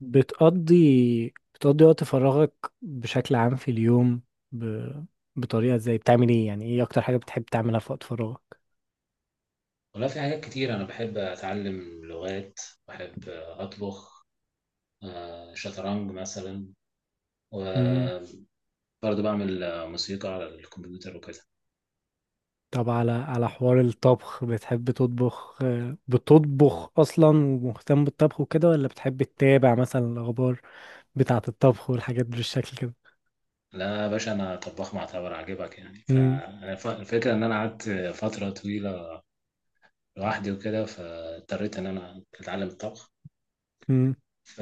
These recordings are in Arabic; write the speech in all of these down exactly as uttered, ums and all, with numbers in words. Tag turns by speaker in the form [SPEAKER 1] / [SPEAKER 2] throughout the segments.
[SPEAKER 1] بتقضي بتقضي وقت فراغك بشكل عام في اليوم، ب... بطريقة ازاي بتعمل ايه؟ يعني ايه اكتر حاجة بتحب تعملها في وقت فراغك؟
[SPEAKER 2] والله في حاجات كتير، أنا بحب أتعلم لغات. بحب أطبخ. آه، شطرنج مثلا.
[SPEAKER 1] امم.
[SPEAKER 2] وبرضه بعمل آه، موسيقى على الكمبيوتر وكده.
[SPEAKER 1] طب على على حوار الطبخ، بتحب تطبخ؟ آه، بتطبخ اصلا ومهتم بالطبخ وكده، ولا بتحب تتابع مثلا الاخبار بتاعة الطبخ والحاجات بالشكل كده؟
[SPEAKER 2] لا يا باشا، أنا طباخ معتبر عاجبك يعني.
[SPEAKER 1] امم.
[SPEAKER 2] فأنا ف- الفكرة إن أنا قعدت فترة طويلة لوحدي وكده، فاضطريت إن أنا أتعلم الطبخ.
[SPEAKER 1] امم.
[SPEAKER 2] ف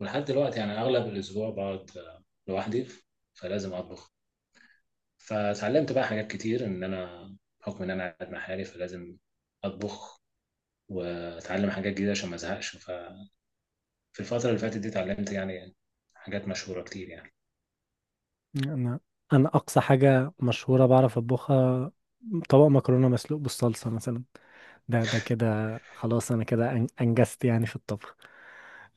[SPEAKER 2] ولحد دلوقتي يعني أغلب الأسبوع بقعد آه، لوحدي، فلازم أطبخ. فتعلمت بقى حاجات كتير، إن أنا بحكم إن أنا قاعد مع حالي فلازم أطبخ واتعلم حاجات جديده عشان ما ازهقش. ففي الفتره اللي فاتت دي اتعلمت يعني حاجات مشهوره كتير يعني.
[SPEAKER 1] انا انا اقصى حاجة مشهورة بعرف اطبخها طبق مكرونة مسلوق بالصلصة مثلا. ده ده كده خلاص انا كده أن- انجزت يعني في الطبخ.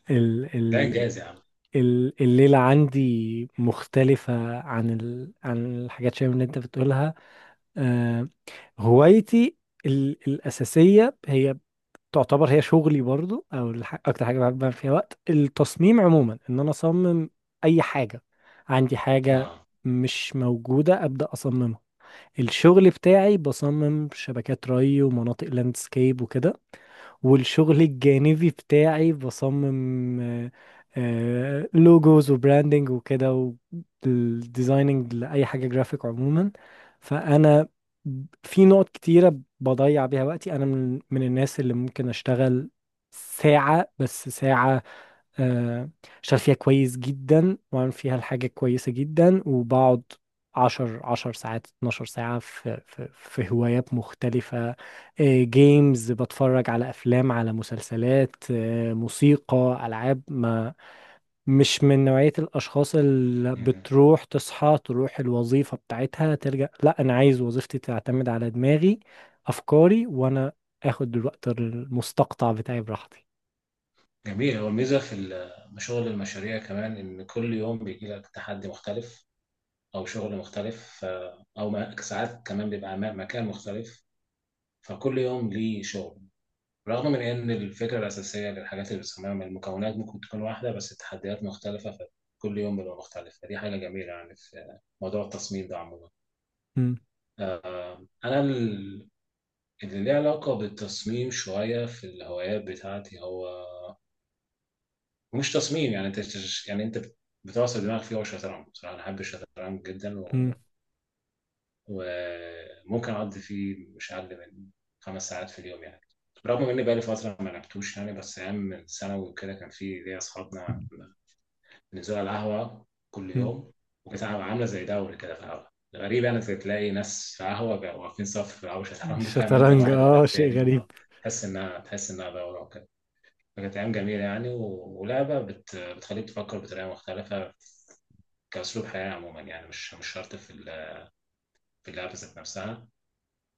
[SPEAKER 1] ال
[SPEAKER 2] ده
[SPEAKER 1] ال
[SPEAKER 2] انجاز يا عم.
[SPEAKER 1] ال الليلة عندي مختلفة عن ال عن الحاجات شوية من اللي انت بتقولها. آه هوايتي ال الأساسية هي، تعتبر هي شغلي برضو، او الح اكتر حاجة بحب أعمل فيها وقت التصميم عموما، ان انا اصمم اي حاجة. عندي حاجة
[SPEAKER 2] اه.
[SPEAKER 1] مش موجودة ابدأ اصممها. الشغل بتاعي بصمم شبكات ري ومناطق لاندسكيب وكده، والشغل الجانبي بتاعي بصمم آه، آه، لوجوز وبراندنج وكده، والديزايننج لأي حاجة جرافيك عموما. فأنا في نقط كتيرة بضيع بيها وقتي. أنا من من الناس اللي ممكن أشتغل ساعة، بس ساعة آه، شغال فيها كويس جدا وعامل فيها الحاجة كويسة جدا، وبقعد عشر عشر ساعات، اتناشر ساعة في, في, في هوايات مختلفة. جيمز، بتفرج على أفلام، على مسلسلات، آه، موسيقى، ألعاب. ما مش من نوعية الأشخاص اللي
[SPEAKER 2] مم.
[SPEAKER 1] بتروح تصحى تروح الوظيفة بتاعتها ترجع، لا. أنا عايز وظيفتي تعتمد على دماغي، أفكاري، وأنا آخد الوقت المستقطع بتاعي براحتي.
[SPEAKER 2] جميل، هو الميزه في ال- شغل المشاريع كمان ان كل يوم بيجي لك تحدي مختلف او شغل مختلف، ف- او م- ساعات كمان بيبقى م- مكان مختلف، فكل يوم ليه شغل. رغم من ان الفكره الاساسيه للحاجات اللي بنسميها من المكونات ممكن تكون واحده، بس التحديات مختلفه، فكل يوم بيبقى مختلف، فدي حاجه جميله يعني في موضوع التصميم ده عموما.
[SPEAKER 1] مم.
[SPEAKER 2] آه، أنا ال- اللي ليه علاقة بالتصميم شوية في الهوايات بتاعتي، هو مش تصميم، يعني أنت بتش- يعني أنت بت- بتعصر دماغك فيه، هو الشطرنج. بصراحة أنا بحب الشطرنج جدا، و- وممكن أقضي فيه مش أقل من خمس ساعات في اليوم يعني. رغم إن بقالي فترة ما لعبتوش يعني، بس أيام من ثانوي وكده كان في ليا أصحابنا نزول على القهوة كل
[SPEAKER 1] مم.
[SPEAKER 2] يوم، وكانت عاملة زي دوري كده في القهوة. غريب يعني، كنت تلاقي ناس في قهوة بيبقوا واقفين صف أو شطرنج، فاهم، أنت
[SPEAKER 1] الشطرنج،
[SPEAKER 2] واحد ورا
[SPEAKER 1] اه شيء
[SPEAKER 2] التاني،
[SPEAKER 1] غريب.
[SPEAKER 2] آه، تحس إنها تحس إنها دورة وكده. فكانت أيام جميلة يعني، و- ولعبة بت... بتخليك تفكر بطريقة مختلفة كأسلوب حياة عموما، يعني مش مش شرط في ال- في اللعبة ذات نفسها،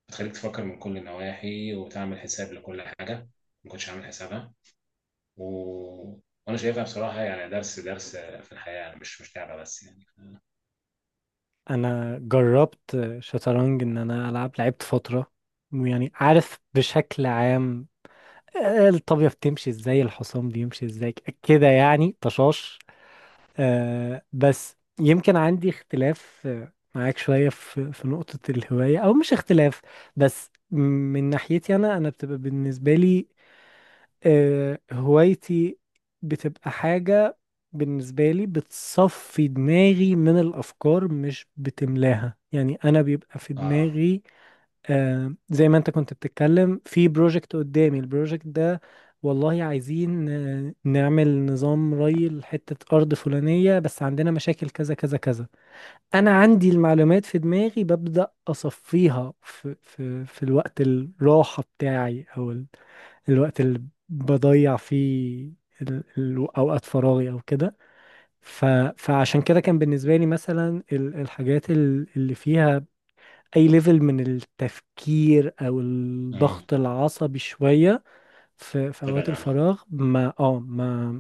[SPEAKER 2] بتخليك تفكر من كل النواحي وتعمل حساب لكل حاجة ما كنتش عامل حسابها. و... وأنا شايفها بصراحة يعني درس درس في الحياة يعني، مش مش لعبة بس يعني.
[SPEAKER 1] انا جربت شطرنج، ان انا العب لعبت فترة ويعني عارف بشكل عام آه، الطابية بتمشي ازاي، الحصان بيمشي ازاي، ك- كده يعني، طشاش. آه بس يمكن عندي اختلاف آه، معاك شوية، في في نقطة الهواية، او مش اختلاف، بس من ناحيتي. انا انا بتبقى بالنسبة لي آه، هوايتي بتبقى حاجة بالنسبة لي بتصفي دماغي من الأفكار، مش بتملاها. يعني أنا بيبقى في
[SPEAKER 2] آه.
[SPEAKER 1] دماغي آه، زي ما أنت كنت بتتكلم في بروجكت قدامي، البروجكت ده والله عايزين آه، نعمل نظام ري لحتة أرض فلانية، بس عندنا مشاكل كذا كذا كذا. أنا عندي المعلومات في دماغي، ببدأ أصفيها في, في, في الوقت الراحة بتاعي، أو الوقت اللي بضيع فيه، ال- ال- اوقات فراغي او كده. ف... فعشان كده كان بالنسبه لي مثلا ال- الحاجات ال- اللي فيها اي ليفل من التفكير او الضغط العصبي شويه في في
[SPEAKER 2] تبعد
[SPEAKER 1] اوقات
[SPEAKER 2] عنها.
[SPEAKER 1] الفراغ، ما اه ما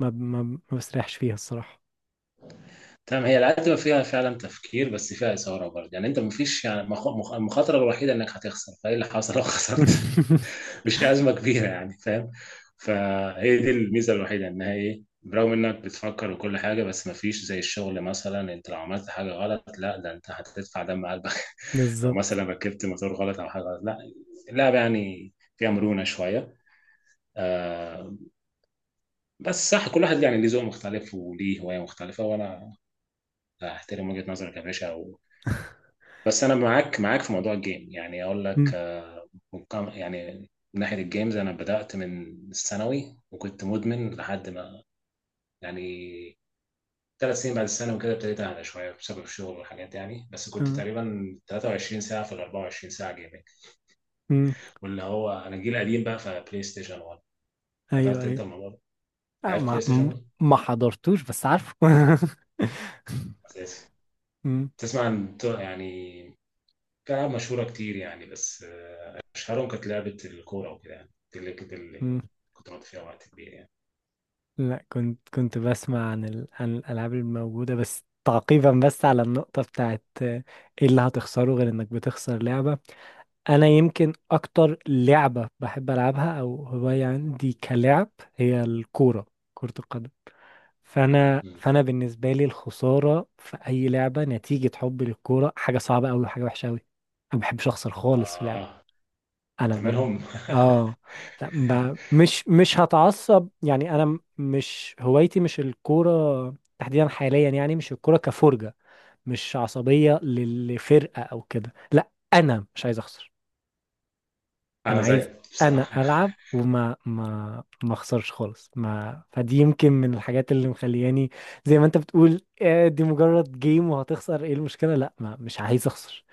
[SPEAKER 1] ما ما, ما بسرحش فيها الصراحه.
[SPEAKER 2] تمام، هي العتبة فيها فعلا تفكير، بس فيها إثارة برضه يعني. أنت مفيش يعني، مخ- مخ- المخاطرة الوحيدة إنك هتخسر، فإيه اللي حصل لو خسرت؟ مش أزمة كبيرة يعني، فاهم. فهي دي الميزة الوحيدة، إنها إيه؟ برغم إنك بتفكر وكل حاجة، بس مفيش زي الشغل مثلا، أنت لو عملت حاجة غلط لا ده أنت هتدفع دم قلبك. لو
[SPEAKER 1] بالظبط.
[SPEAKER 2] مثلا ركبت موتور غلط أو حاجة غلط لا. اللعبة يعني فيها مرونة شوية. آه. بس صح، كل واحد يعني ليه ذوق مختلف وليه هواية مختلفة، وأنا احترم وجهة نظرك يا باشا. و... بس انا معاك معاك في موضوع الجيم، يعني اقول لك
[SPEAKER 1] مم.
[SPEAKER 2] آه، ممكن- يعني من ناحية الجيمز انا بدأت من الثانوي وكنت مدمن لحد ما، يعني ثلاث سنين بعد الثانوي كده ابتديت اهدى شوية بسبب الشغل والحاجات دي يعني. بس كنت
[SPEAKER 1] آه.
[SPEAKER 2] تقريبا 23 ساعة في ال 24 ساعة جيمنج.
[SPEAKER 1] مم.
[SPEAKER 2] واللي هو انا جيل قديم بقى، فبلاي ستيشن واحد.
[SPEAKER 1] ايوه،
[SPEAKER 2] حضرت انت
[SPEAKER 1] ايوه.
[SPEAKER 2] الموضوع ده؟
[SPEAKER 1] آه،
[SPEAKER 2] لعبت
[SPEAKER 1] ما
[SPEAKER 2] بلاي ستيشن واحد
[SPEAKER 1] ما حضرتوش بس عارفه.
[SPEAKER 2] اساسي.
[SPEAKER 1] مم.
[SPEAKER 2] تسمع عن يعني، في العاب مشهورة كتير يعني، بس أشهرهم كانت لعبة الكورة وكده، يعني دي اللي كنت اللي
[SPEAKER 1] مم.
[SPEAKER 2] كنت بقضي فيها وقت كبير يعني.
[SPEAKER 1] لا، كنت كنت بسمع عن ال... عن الألعاب الموجودة، بس تعقيبا، بس على النقطة بتاعت آه، ايه اللي هتخسره غير انك بتخسر لعبة؟ انا يمكن اكتر لعبة بحب العبها او هواية عندي كلعب هي الكورة، كرة القدم. فانا
[SPEAKER 2] مم.
[SPEAKER 1] فانا بالنسبة لي الخسارة في اي لعبة، نتيجة حبي للكورة، حاجة صعبة قوي وحاجة وحشة قوي. انا ما بحبش اخسر خالص في لعبة.
[SPEAKER 2] آه.
[SPEAKER 1] انا
[SPEAKER 2] أنت
[SPEAKER 1] ب...
[SPEAKER 2] منهم!
[SPEAKER 1] اه، لا، ب... مش مش هتعصب يعني، انا م- مش هوايتي مش الكوره تحديدا حاليا يعني، مش الكوره كفرجه، مش عصبيه لل- لفرقه او كده، لا. انا مش عايز اخسر. انا
[SPEAKER 2] أنا
[SPEAKER 1] عايز،
[SPEAKER 2] زيك
[SPEAKER 1] انا
[SPEAKER 2] بصراحة.
[SPEAKER 1] العب وما ما ما اخسرش خالص. ما فدي يمكن من الحاجات اللي مخلياني، زي ما انت بتقول، آه، دي مجرد جيم وهتخسر ايه؟ المشكله لا، ما مش عايز اخسر.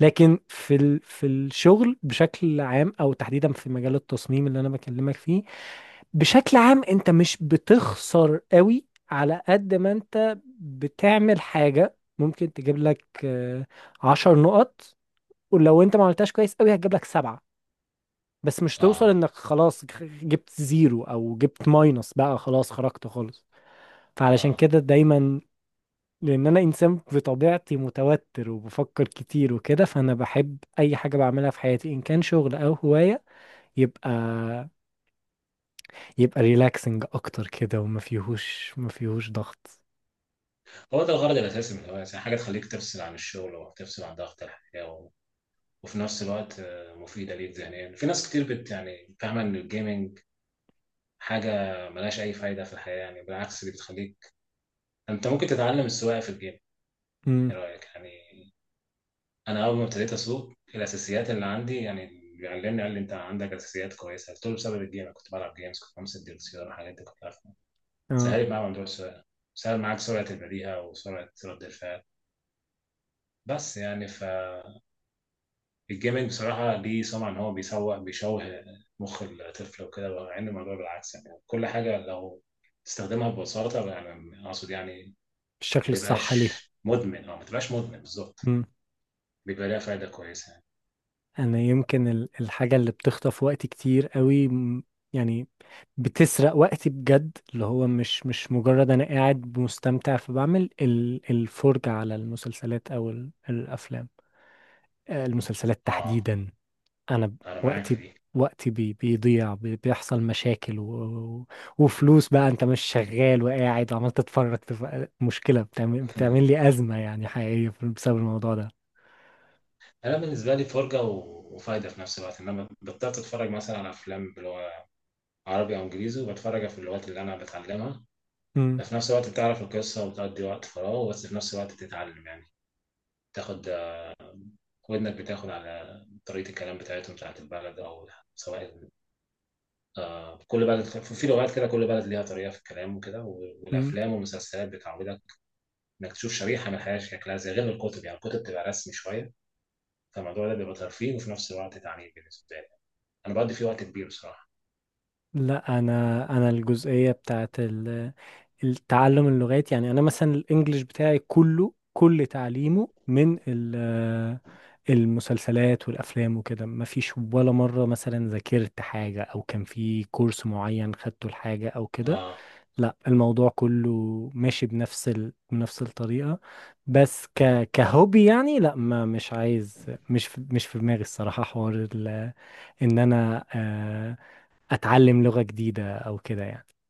[SPEAKER 1] لكن في ال... في الشغل بشكل عام او تحديدا في مجال التصميم اللي انا بكلمك فيه، بشكل عام انت مش بتخسر قوي. على قد ما انت بتعمل حاجة ممكن تجيب لك آه، عشر نقط، ولو انت ما عملتهاش كويس قوي هتجيب لك سبعة، بس مش توصل
[SPEAKER 2] آه.
[SPEAKER 1] انك خلاص جبت زيرو او جبت ماينس بقى خلاص خرجت خالص. فعلشان
[SPEAKER 2] آه.
[SPEAKER 1] كده دايما، لان انا انسان بطبيعتي متوتر وبفكر كتير وكده، فانا بحب اي حاجه بعملها في حياتي ان كان شغل او هوايه، يبقى يبقى ريلاكسنج اكتر كده، وما فيهوش ما فيهوش ضغط.
[SPEAKER 2] هو ده الغرض الأساسي من الهواية، يعني حاجة تخليك تفصل عن الشغل وتفصل عن ضغط الحياة، و... وفي نفس الوقت آه، مفيدة ليك ذهنيا. في ناس كتير بت يعني فاهمة إن الجيمنج حاجة ملهاش أي فايدة في الحياة، يعني بالعكس دي بتخليك، أنت ممكن تتعلم السواقة في الجيم،
[SPEAKER 1] امم.
[SPEAKER 2] إيه رأيك يعني؟ انا اول ما ابتديت اسوق الاساسيات اللي عندي يعني، اللي علمني قال لي انت عندك اساسيات كويسه، قلت له بسبب الجيم. أنا كنت بلعب جيمز، كنت بمسك دي السياره، الحاجات دي كنت عارفها،
[SPEAKER 1] اه،
[SPEAKER 2] سهلت معايا موضوع السواقه. سهل معاك سرعه البديهه وسرعه رد الفعل. بس يعني فالجيمنج بصراحه ليه سمعه ان هو بيسوح بيشوه مخ الطفل وكده، مع ان الموضوع بالعكس يعني. كل حاجه لو تستخدمها ببساطه، يعني اقصد يعني ما
[SPEAKER 1] الشكل الصح ليها.
[SPEAKER 2] تبقاش مدمن، اه، ما تبقاش مدمن بالظبط،
[SPEAKER 1] امم.
[SPEAKER 2] بيبقى ليها فايده كويسه يعني.
[SPEAKER 1] انا يمكن ال- الحاجه اللي بتخطف وقتي كتير قوي، م- يعني بتسرق وقتي بجد، اللي هو مش مش مجرد انا قاعد مستمتع فبعمل ال- الفرجه على المسلسلات او ال- الافلام آه، المسلسلات
[SPEAKER 2] اه،
[SPEAKER 1] تحديدا. انا ب-
[SPEAKER 2] انا معاك في
[SPEAKER 1] وقتي
[SPEAKER 2] دي.
[SPEAKER 1] وقتي بي بيضيع، بي بيحصل مشاكل و... و- وفلوس بقى انت مش شغال وقاعد وعمال تتفرج تف... مشكلة، بتعمل... بتعمل لي أزمة يعني حقيقية في- بسبب الموضوع ده.
[SPEAKER 2] انا بالنسبه لي فرجه و... وفايده في نفس الوقت، ان انا بطلت اتفرج مثلا على افلام اللي هو عربي او انجليزي، وبتفرج في اللغات اللي انا بتعلمها،
[SPEAKER 1] مم.
[SPEAKER 2] ففي نفس الوقت بتعرف القصه وبتقضي وقت فراغ، بس في نفس الوقت بتتعلم يعني، تاخد ودنك، بتاخد على طريقه الكلام بتاعتهم بتاعت البلد، او سواء، آه كل بلد في لغات كده، كل بلد ليها طريقه في الكلام وكده، و-
[SPEAKER 1] مم.
[SPEAKER 2] والافلام والمسلسلات بتعودك انك تشوف شريحه من الحياه شكلها زي، غير الكتب يعني، الكتب بتبقى رسمي شويه. فالموضوع ده بيبقى ترفيه وفي نفس الوقت تعليم بالنسبه لي، انا بقضي فيه وقت كبير بصراحه.
[SPEAKER 1] لا، انا انا الجزئية بتاعت ال... التعلم اللغات، يعني انا مثلا الانجليش بتاعي كله كل تعليمه من ال- المسلسلات والافلام وكده. ما فيش ولا مره مثلا ذاكرت حاجه او كان في كورس معين خدته لحاجه او كده،
[SPEAKER 2] اه.
[SPEAKER 1] لا. الموضوع كله ماشي بنفس ال... بنفس الطريقة، بس
[SPEAKER 2] اه.
[SPEAKER 1] ك... كهوبي يعني. لا، ما مش عايز، مش في... مش في دماغي الصراحة حوار ال... ان انا آه، اتعلم لغة جديدة او كده يعني.